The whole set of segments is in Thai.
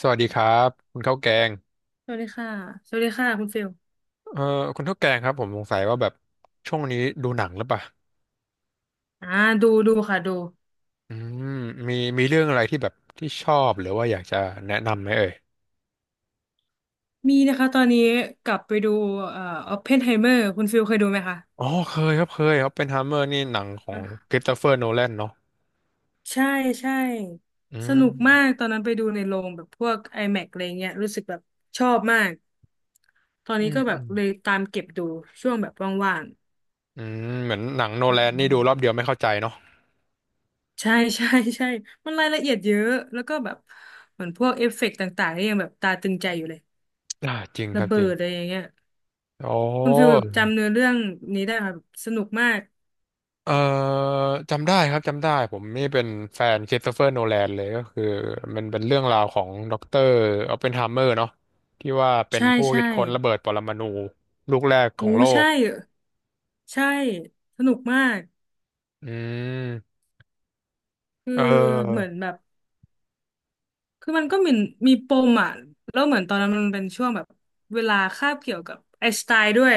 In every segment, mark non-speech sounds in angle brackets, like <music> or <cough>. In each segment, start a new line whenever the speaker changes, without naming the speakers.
สวัสดีครับคุณข้าวแกง
สวัสดีค่ะสวัสดีค่ะคุณฟิล
เอ่อคุณข้าวแกงครับผมสงสัยว่าแบบช่วงนี้ดูหนังหรือเปล่า
อ่าดูดูค่ะดู
อืมมีเรื่องอะไรที่แบบที่ชอบหรือว่าอยากจะแนะนำไหมเอ่ย
มีนะคะตอนนี้กลับไปดูเอ่อออปเพนไฮเมอร์คุณฟิลเคยดูไหมคะ
อ๋อเคยครับเคยครับเป็นฮัมเมอร์นี่หนังของ
อ่ะ
คริสโตเฟอร์โนแลนเนาะ
ใช่ใช่
อื
ส
ม
นุกมากตอนนั้นไปดูในโรงแบบพวก IMAX อแม็กซ์อะไรเงี้ยรู้สึกแบบชอบมากตอน
อื
นี้
ม
ก็แบ
อื
บ
ม
เลยตามเก็บดูช่วงแบบว่าง
เหมือนหนังโน
ๆอื
แลนนี่
ม
ดูรอบเดียวไม่เข้าใจเนาะ
ใช่ใช่ใช่มันรายละเอียดเยอะแล้วก็แบบเหมือนพวกเอฟเฟกต์ต่างๆนี่ยังแบบตาตึงใจอยู่เลย
อ่าจริงค
ระ
รับ
เบิ
จริง
ดอะไรอย่างเงี้ย
โอ
คุณฟิล
้
จำเนื้อเรื่องนี้ได้ครับสนุกมาก
เอ่อจำได้ครับจำได้ผมนี่เป็นแฟนค h r i s t เฟอร์โนแลนเลยก็คือมันเป็นเรื่องราวของด็อกเตอร์ออปเพนไฮเมอร์เนาะที่ว่าเป็น
ใช่
ผู้
ใช่
คิดค้นระเบิดปรมาณูลูกแรกข
โอ้
องโลก
ใช่ใช่สนุกมาก
อืม
คือ
เอ
เหมื
อ
อนแบบคือมันก็มีมีปมอ่ะแล้วเหมือนตอนนั้นมันเป็นช่วงแบบเวลาคาบเกี่ยวกับไอน์สไตน์ด้วย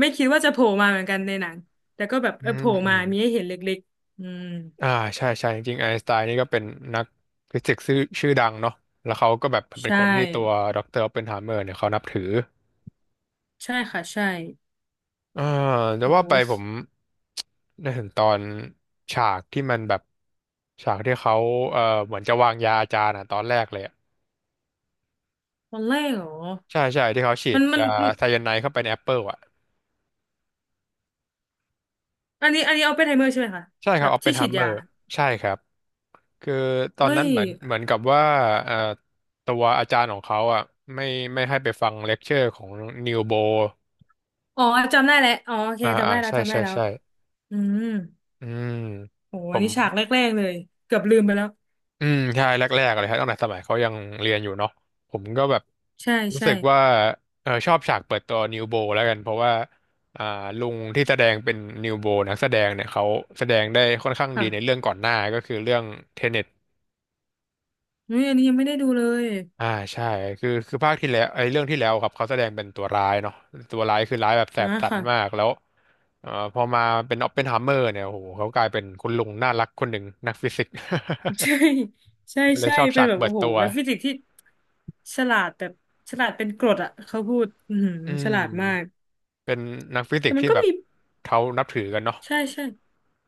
ไม่คิดว่าจะโผล่มาเหมือนกันในหนังแต่ก็แบบ
อื
เออโผ
ม
ล่
อื
มา
ม
มีให้เห็นเล็กๆอืม
อ่าใช่ใช่จริงๆไอน์สไตน์นี่ก็เป็นนักฟิสิกส์ชื่อดังเนาะแล้วเขาก็แบบเป็น
ใช่
คนที่ตัวด็อกเตอร์ออปเพนไฮเมอร์เนี่ยเขานับถือ
ใช่ค่ะใช่
อ่าแต่
โอ้
ว่าไปผม <tsk> ได้เห็นตอนฉากที่มันแบบฉากที่เขาเหมือนจะวางยาอาจารย์อ่ะตอนแรกเลยอะ
ตอนแรกเหรอ
ใช่ใช่ที่เขาฉี
มั
ด
นมัน
ยาไซยาไนด์เข้าไปในแอปเปิลอ่ะ
อันนี้อันนี้เอาไปไทเมอร์ใช่ไหมคะ
ใช่ค
แบ
รับ
บ
ออปเพ
ที่
นไฮ
ฉีด
เมอ
ยา
ร์ใช่ครับคือตอ
เอ้
นนั้น
ย
เหมือนกับว่าเอ่อตัวอาจารย์ของเขาอ่ะไม่ไม่ให้ไปฟังเลคเชอร์ของนิวโบ
อ๋อจำได้แล้วอ๋อโอเค
อ่า
จำ
อ่า
ได้แล้ว
ใช่
จำได้
ใช่
แล้ว
ใช่
อืม
อืม
โห
ผ
อัน
ม
นี้ฉากแรกๆเลยเกือบลืมไปแล้ว
อืมใช่แรกๆเลยครับตั้งแต่สมัยเขายังเรียนอยู่เนาะผมก็แบบ
ใช่
รู้
ใช่
สึกว่าเออชอบฉากเปิดตัวนิวโบแล้วกันเพราะว่าอ่าลุงที่แสดงเป็นนิวโบนักแสดงเนี่ยเขาแสดงได้ค่อนข้างดีใน
ค่ะ
เรื่องก่อนหน้าก็คือเรื่องเทเน็ต
อุ้ยอันนี้ยังไม่ได้ดูเลย
อ่าใช่คือภาคที่แล้วไอ้เรื่องที่แล้วครับเขาแสดงเป็นตัวร้ายเนาะตัวร้ายคือร้ายแบบแส
อ่ะ
บสัน
ค่ะ
มากแล้วพอมาเป็นออปเพนไฮเมอร์เนี่ยโอ้โหเขากลายเป็นคุณลุงน่ารักคนหนึ่งนักฟิสิกส์
<laughs> ใช่ใช่
<laughs> เลย
ใช่
ชอบ
เป็
ฉา
น
ก
แบบ
เปิ
โอ้
ด
โห
ตัว
แล้วฟิสิกส์ที่ฉลาดแบบฉลาดเป็นกรดอ่ะเขาพูดอือหือ
อื
ฉลา
ม
ดมาก
เป็นนักฟิสิ
แต่
กส์
มัน
ที่
ก็
แบบ
มี
เขานับถือกันเนาะ
ใช่ใช่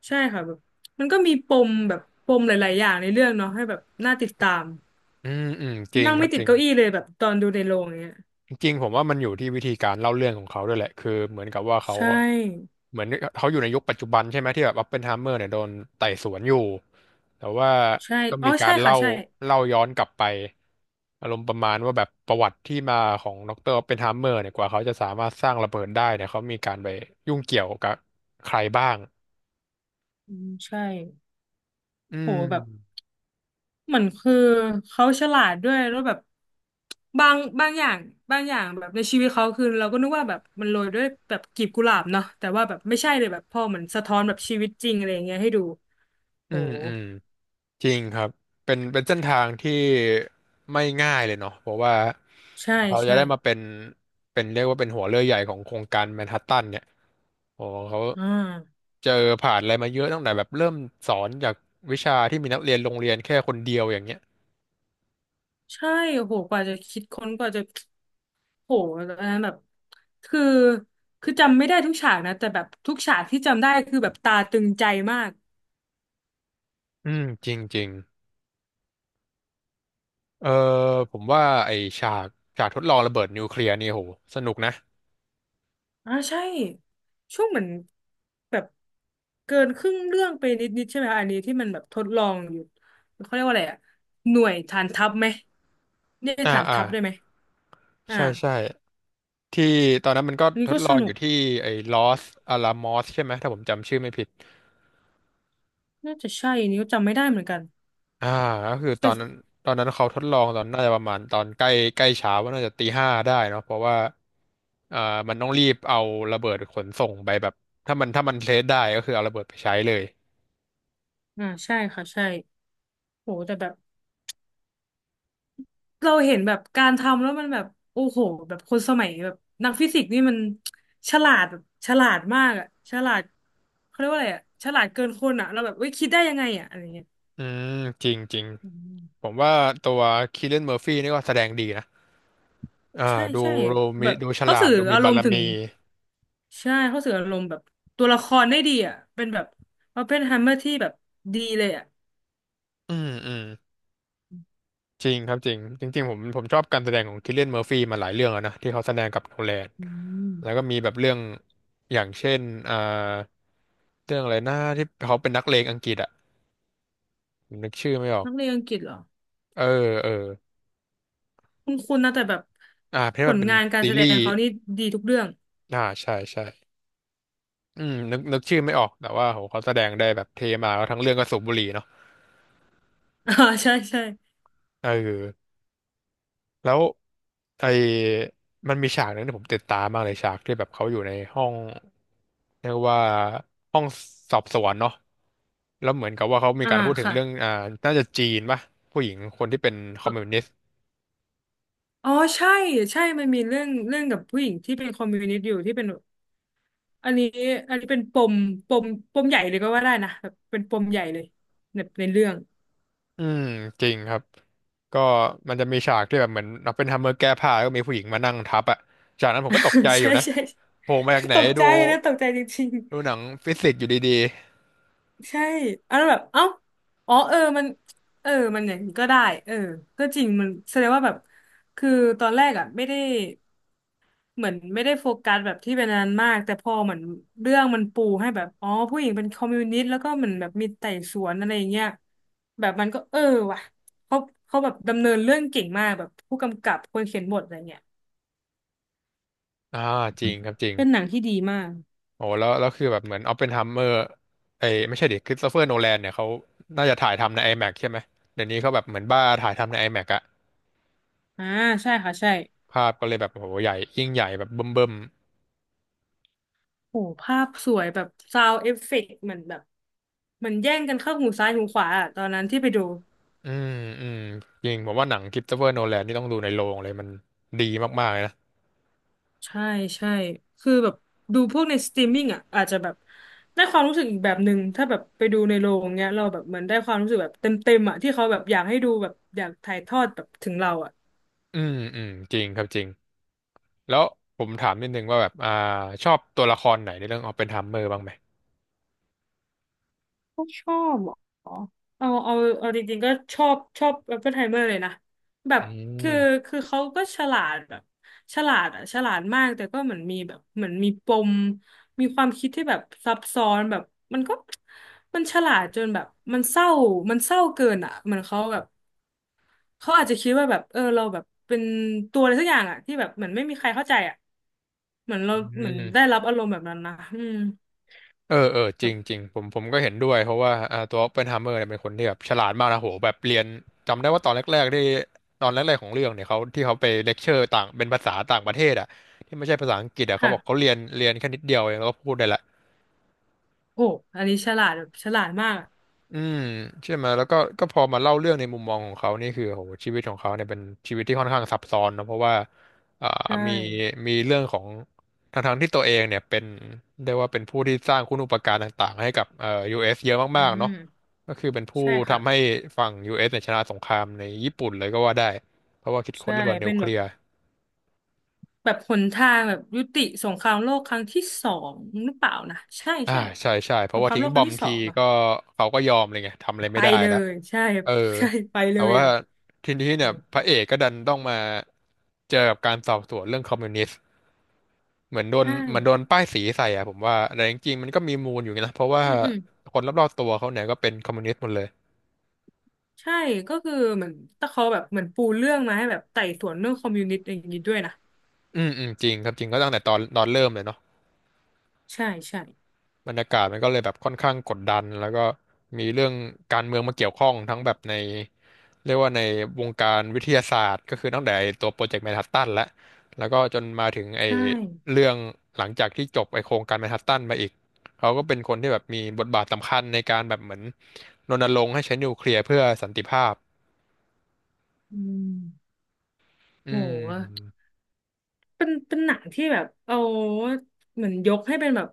ใช่ค่ะแบบมันก็มีปมแบบปมหลายๆอย่างในเรื่องเนาะให้แบบน่าติดตาม
อืมอืมจริง
นั่ง
ครั
ไม่
บ
ติ
จ
ด
ริง
เก้าอี้เลยแบบตอนดูในโรงอย่างเนี้ย
จริงๆผมว่ามันอยู่ที่วิธีการเล่าเรื่องของเขาด้วยแหละคือเหมือนกับว่าเขา
ใช
ก็
่
เหมือนเขาอยู่ในยุคปัจจุบันใช่ไหมที่แบบอ p ปเพนไฮเมอร์เนี่ยโดนไต่สวนอยู่แต่ว่า
ใช่
ก็
อ๋อ
มีกา
ใช่
ร
ค่ะ
เล่า
ใช่
ย้อนกลับไปอารมณ์ประมาณว่าแบบประวัติที่มาของดรออปเพนไฮเมอร์เนี่ยกว่าเขาจะสามารถสร้างระเบิดได้เนี่ยเขามีการไปยุ่งเกี่ยวกับใครบ้าง
อืมใช่
อื
โห
ม
แบบเหมือนคือเขาฉลาดด้วยแล้วแบบบางบางอย่างบางอย่างแบบในชีวิตเขาคือเราก็นึกว่าแบบมันโรยด้วยแบบกลีบกุหลาบเนาะแต่ว่าแบบไม่ใช่เลยแบบพอเหมือนสะท้อนแบบชีวิตจริงอะไรอย่างเงี้ยให้ดู
อื
โห
มอืม จริงครับ เป็น เป็นเส้นทางที่ไม่ง่ายเลยเนาะเพราะว่า
ใช่
เขาจะ
ใช่
ได้มาเป็น เป็นเรียกว่าเป็นหัวเรือใหญ่ของโครงการแมนฮัตตันเนี่ยโอ้เขา
อ่า
เจอผ่านอะไรมาเยอะตั้งแต่แบบเริ่มสอนจากวิชาที่มีนักเรียนโรงเรียนแค่คนเดียวอย่างเงี้ย
ใช่โอ้โหกว่าจะคิดค้นกว่าจะโหอันนั้นแบบคือคือจำไม่ได้ทุกฉากนะแต่แบบทุกฉากที่จำได้คือแบบตาตึงใจมาก
อืม จริงจริง เออ ผมว่าไอ้ฉากฉากทดลองระเบิดนิวเคลียร์นี่โหสนุกนะ
อ่าใช่ช่วงเหมือนแบบเกินครึ่งเรื่องไปนิดๆใช่ไหมอันนี้ที่มันแบบทดลองอยู่เขาเรียกว่าอะไรอะหน่วยฐานทัพไหมเรียก
อ่า
ฐาน
อ่า
ทัพได้ไหมอ่า
ใช่ใช่ที่ตอนนั้นมันก็
อัน
ท
นี้
ด
ก็
ล
ส
อง
นุ
อ
ก
ยู่ที่ไอ้ลอสอาลามอสใช่ไหมถ้าผมจำชื่อไม่ผิด
น่าจะใช่อันนี้ก็จำไม่ได้เหมือนกัน
อ่าก็คือต
แต่
อนนั้นตอนนั้นเขาทดลองตอนน่าจะประมาณตอนใกล้ใกล้เช้าว่าน่าจะตีห้าได้เนาะเพราะว่าอ่ามันต้องรีบเอาระเบิดขนส่งไปแบบถ้ามันเทสได้ก็คือเอาระเบิดไปใช้เลย
อ่าใช่ค่ะใช่โหแต่แบบเราเห็นแบบการทำแล้วมันแบบโอ้โหแบบคนสมัยแบบนักฟิสิกส์นี่มันฉลาดแบบฉลาดมากอะฉลาดเขาเรียกว่าอะไรอะฉลาดเกินคนอะเราแบบเว้ยคิดได้ยังไงอะอะไรเงี้ย
อืมจริงจริง
อื
ผ
ม
มว่าตัวคีเลนเมอร์ฟี่นี่ก็แสดงดีนะอ่า
ใช่
ดู
ใช่
ดูมี
แบบ
ดูฉ
เขา
ลาด
สื่อ
ดูมี
อาร
บา
ม
ร
ณ์ถึง
มี
ใช่เขาสื่ออารมณ์แบบตัวละครได้ดีอ่ะเป็นแบบออปเพนไฮเมอร์ที่แบบดีเลยอ่ะ
อืมอืมจริงครับจริงจริงๆผมชอบการแสดงของคิลเลียนเมอร์ฟี่มาหลายเรื่องแล้วนะที่เขาแสดงกับโนแลน
อื
แล้วก็
ม
มีแบบเรื่องอย่างเช่นอ่า เรื่องอะไรนะที่เขาเป็นนักเลงอังกฤษอะผมนึกชื่อไม่ออก
นักเรียนอังกฤษเหรอ
เออเออ
คุณคุณนะแต่แบบ
อ่าเพราะ
ผ
มัน
ล
เป็น
งานการ
ซี
แสด
รี
ง
ส์
เขานี่ดีทุกเรื่อง
อ่าใช่ใช่อืมนึกชื่อไม่ออกแต่ว่าโหเขาแสดงได้แบบเทมากแล้วทั้งเรื่องก็สูบบุหรี่เนาะ
<laughs> อ่าใช่ใช่
เออแล้วไอ้มันมีฉากหนึงที่ผมติดตามมากเลยฉากที่แบบเขาอยู่ในห้องเรียกว่าห้องสอบสวนเนาะแล้วเหมือนกับว่าเขามี
อ่า
การพูดถึง
ค่ะ
เรื่องอ่าน่าจะจีนป่ะผู้หญิงคนที่เป็นคอ
อ๋
มมิว
อ
นิสต์
อ๋อใช่ใช่มันมีเรื่องเรื่องกับผู้หญิงที่เป็นคอมมิวนิสต์อยู่ที่เป็นอันนี้อันนี้เป็นปมปมปมใหญ่เลยก็ว่าได้นะแบบเป็นปมใหญ่เลยในในเรื่อง
อืมจริงครับก็มันจะมีฉากที่แบบเหมือนเราเป็นทมเมอร์แก้ผ้าแล้วก็มีผู้หญิงมานั่งทับอ่ะจากนั้นผมก็ตกใจ
<laughs>
อ
ใช่
ยู่นะ
ใช่
โผล่มาจากไหน
ตกใจ
ดู
นะตกใจจริง
ดูหนังฟิสิกส์อยู่ดี
ๆใช่เอะแล้วแบบเอ้าอ๋อเออมันเออมันอย่างนี้ก็ได้เออก็จริงมันแสดงว่าแบบคือตอนแรกอ่ะไม่ได้เหมือนไม่ได้โฟกัสแบบที่เป็นอันนั้นมากแต่พอเหมือนเรื่องมันปูให้แบบอ๋อผู้หญิงเป็นคอมมิวนิสต์แล้วก็เหมือนแบบมีไต่สวนอะไรอย่างเงี้ยแบบมันก็เออว่ะเขาเขาแบบดำเนินเรื่องเก่งมากแบบผู้กำกับคนเขียนบทอะไรเงี้ย
ๆจริงครับจริง
เป็นหนังที่ดีมาก
โอ้แล้วคือแบบเหมือนออปเพนไฮเมอร์ไอ้ยไม่ใช่ดิคริสโตเฟอร์โนแลนเนี่ยเขาน่าจะถ่ายทำใน IMAX ใช่ไหมเดี๋ยวนี้เขาแบบเหมือนบ้าถ่ายทำใน IMAX อแม็กซ์อะ
อ่าใช่ค่ะใช่
ภาพก็เลยแบบโอ้โหใหญ่ยิ่งใหญ่แบบเบิ่ม
โหภาพสวยแบบซาวเอฟเฟกต์เหมือนแบบเหมือนแย่งกันเข้าหูซ้ายหูขวาอะตอนนั้นที่ไปดู
ๆอืมจริงผมว่าหนังคริสโตเฟอร์โนแลนนี่ต้องดูในโรงเลยมันดีมากๆเลยนะ
ใช่ใช่คือแบบดูพวกในสตรีมมิ่งอ่ะอาจจะแบบได้ความรู้สึกอีกแบบหนึ่งถ้าแบบไปดูในโรงเงี้ยเราแบบเหมือนได้ความรู้สึกแบบเต็มเต็มอ่ะที่เขาแบบอยากให้ดูแบบอยากถ่ายทอดแบบถึงเราอ่ะ
อืมอืมจริงครับจริง แล้วผมถามนิดนึงว่าแบบชอบตัวละครไหนในเรื่องออปเพนไฮเมอร์บ้างไหม
ไม่ชอบเหรอเอาเอาเอาจริงๆก็ชอบชอบอ p ปเป i ไฮเมอร์เลยนะแบบ
อื
คือ
ม
คือเขาก็ฉลาดแบบฉลาดอ่ะฉลาดมากแต่ก็เหมือนมีแบบเหมือนมีปมมีความคิดที่แบบซับซ้อนแบบมันก็มันฉลาดจนแบบมันเศร้ามันเศร้าเกินอ่ะเหมือนเขาแบบเขาอาจจะคิดว่าแบบเออเราแบบเป็นตัวอะไรสักอย่างอ่ะที่แบบเหมือนไม่มีใครเข้าใจอ่ะเหมือนเรา
อื
เหมือนได้
ม
รับอารมณ์แบบนั้นนะอืม
เออ จริ
แบบ
งจริงผมก็เห็นด้วยเพราะว่าตัวออปเพนไฮเมอร์เนี่ยเป็นคนที่แบบฉลาดมากนะโหแบบเรียนจำได้ว่าตอนแรกๆที่ตอนแรกๆของเรื่องเนี่ยเขาที่เขาไปเลคเชอร์ต่างเป็นภาษาต่างประเทศอ่ะที่ไม่ใช่ภาษาอังกฤษอ่ะเขา
ค่ะ
บอกเขาเรียนแค่นิดเดียวเองแล้วก็พูดได้ละ
โอ้อันนี้ฉลาดแบบฉลาดมาก
อืมใช่ไหมแล้วก็พอมาเล่าเรื่องในมุมมองของเขานี่คือโหชีวิตของเขาเนี่ยเป็นชีวิตที่ค่อนข้างซับซ้อนนะเพราะว่าอ่า
ใช่
มีมีเรื่องของทั้งที่ตัวเองเนี่ยเป็นเรียกว่าเป็นผู้ที่สร้างคุณูปการต่างๆให้กับUS เอสเยอะ
อื
มากๆเนาะ
ม
ก็คือเป็นผู้
ใช่ค่ะ
ทำให้ฝั่ง US เอสเนี่ยชนะสงครามในญี่ปุ่นเลยก็ว่าได้เพราะว่าคิดค้
ใช่
นระเบิดนิ
เป็
ว
น
เค
แบ
ลี
บ
ยร์
แบบหนทางแบบยุติสงครามโลกครั้งที่สองหรือเปล่านะ ใช่
อ่า
ใช่
ใช่ใช่เพ
ส
ราะ
ง
ว่า
คราม
ทิ้
โล
ง
ก
บ
ค
อ
รั้ง
ม
ที่สอ
ที
งเนาะ
ก็เขาก็ยอมเลยไงทำอะไร
ไป
ไม่ได้
เล
แล้ว
ย ใช่
เออ
<laughs> ใช่ไปเล
แต่
ย
ว่าทีนี้
โอ
เนี่ยพระ
้
เอกก็ดันต้องมา เจอกับการสอบสวนเรื่องคอมมิวนิสต์เหมือนโดน
ใช่
เหมือนโดนป้ายสีใส่อ่ะผมว่าแต่จริงๆมันก็มีมูลอยู่นะเพราะว่า
อืมอืม
คนรอบๆตัวเขาเนี่ยก็เป็นคอมมิวนิสต์หมดเลย
ใช่ ก็คือเหมือนตะเขาแบบเหมือนปูเรื่องมาให้แบบไต่สวนเรื่องคอมมิวนิสต์อย่างนี้ด้วยนะ
อืมอืมจริงครับจริงก็ตั้งแต่ตอนเริ่มเลยเนาะ
ใช่ใช่
บรรยากาศมันก็เลยแบบค่อนข้างกดดันแล้วก็มีเรื่องการเมืองมาเกี่ยวข้องทั้งแบบใน เรียกว่าในวงการวิทยาศาสตร์ก็คือตั้งแต่ไอ้ตัวโปรเจกต์แมนฮัตตันแล้ว แล้วก็จนมาถึงไอ้
ใช่
เรื่องหลังจากที่จบไอ้โครงการแมนฮัตตันมาอีก เขาก็เป็นคนที่แบบมีบทบาทสำคัญในการแบบเหมือนรณรงค์ให้ใช้นิวเคลียร์เพื่อสันติภาพ
อืม
อื
โห
ม
เป็นเป็นหนังที่แบบเอาเหมือนยกให้เป็นแบบ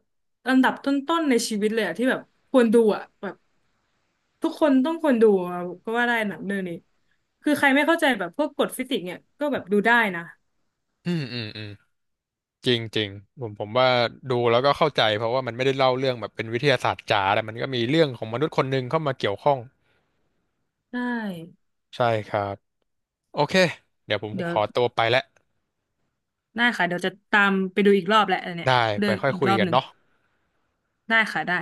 อันดับต้นๆในชีวิตเลยอะที่แบบควรดูอะแบบทุกคนต้องควรดูอะก็ว่าได้หนังเรื่องนี้คือใครไม่เข้าใจแบบพวกกฎฟิสิกส์เนี่ยก็แบบดูได้นะ
อืมอืมอืมจริงจริงผมว่าดูแล้วก็เข้าใจเพราะว่ามันไม่ได้เล่าเรื่องแบบเป็นวิทยาศาสตร์จ๋าแต่มันก็มีเรื่องของมนุษย์คนหนึ่งเข้ามาเกี่ยวข้อง
ได้
ใช่ครับโอเคเดี๋ยวผม
เดี๋ย
ข
ว
อตัวไปแล้ว
ได้ค่ะเดี๋ยวจะตามไปดูอีกรอบแหละอันเนี้ย
ได้
เรื่
ไป
อง
ค่อย
อีก
คุ
ร
ย
อบ
กัน
หนึ่ง
เนาะ
ได้ค่ะได้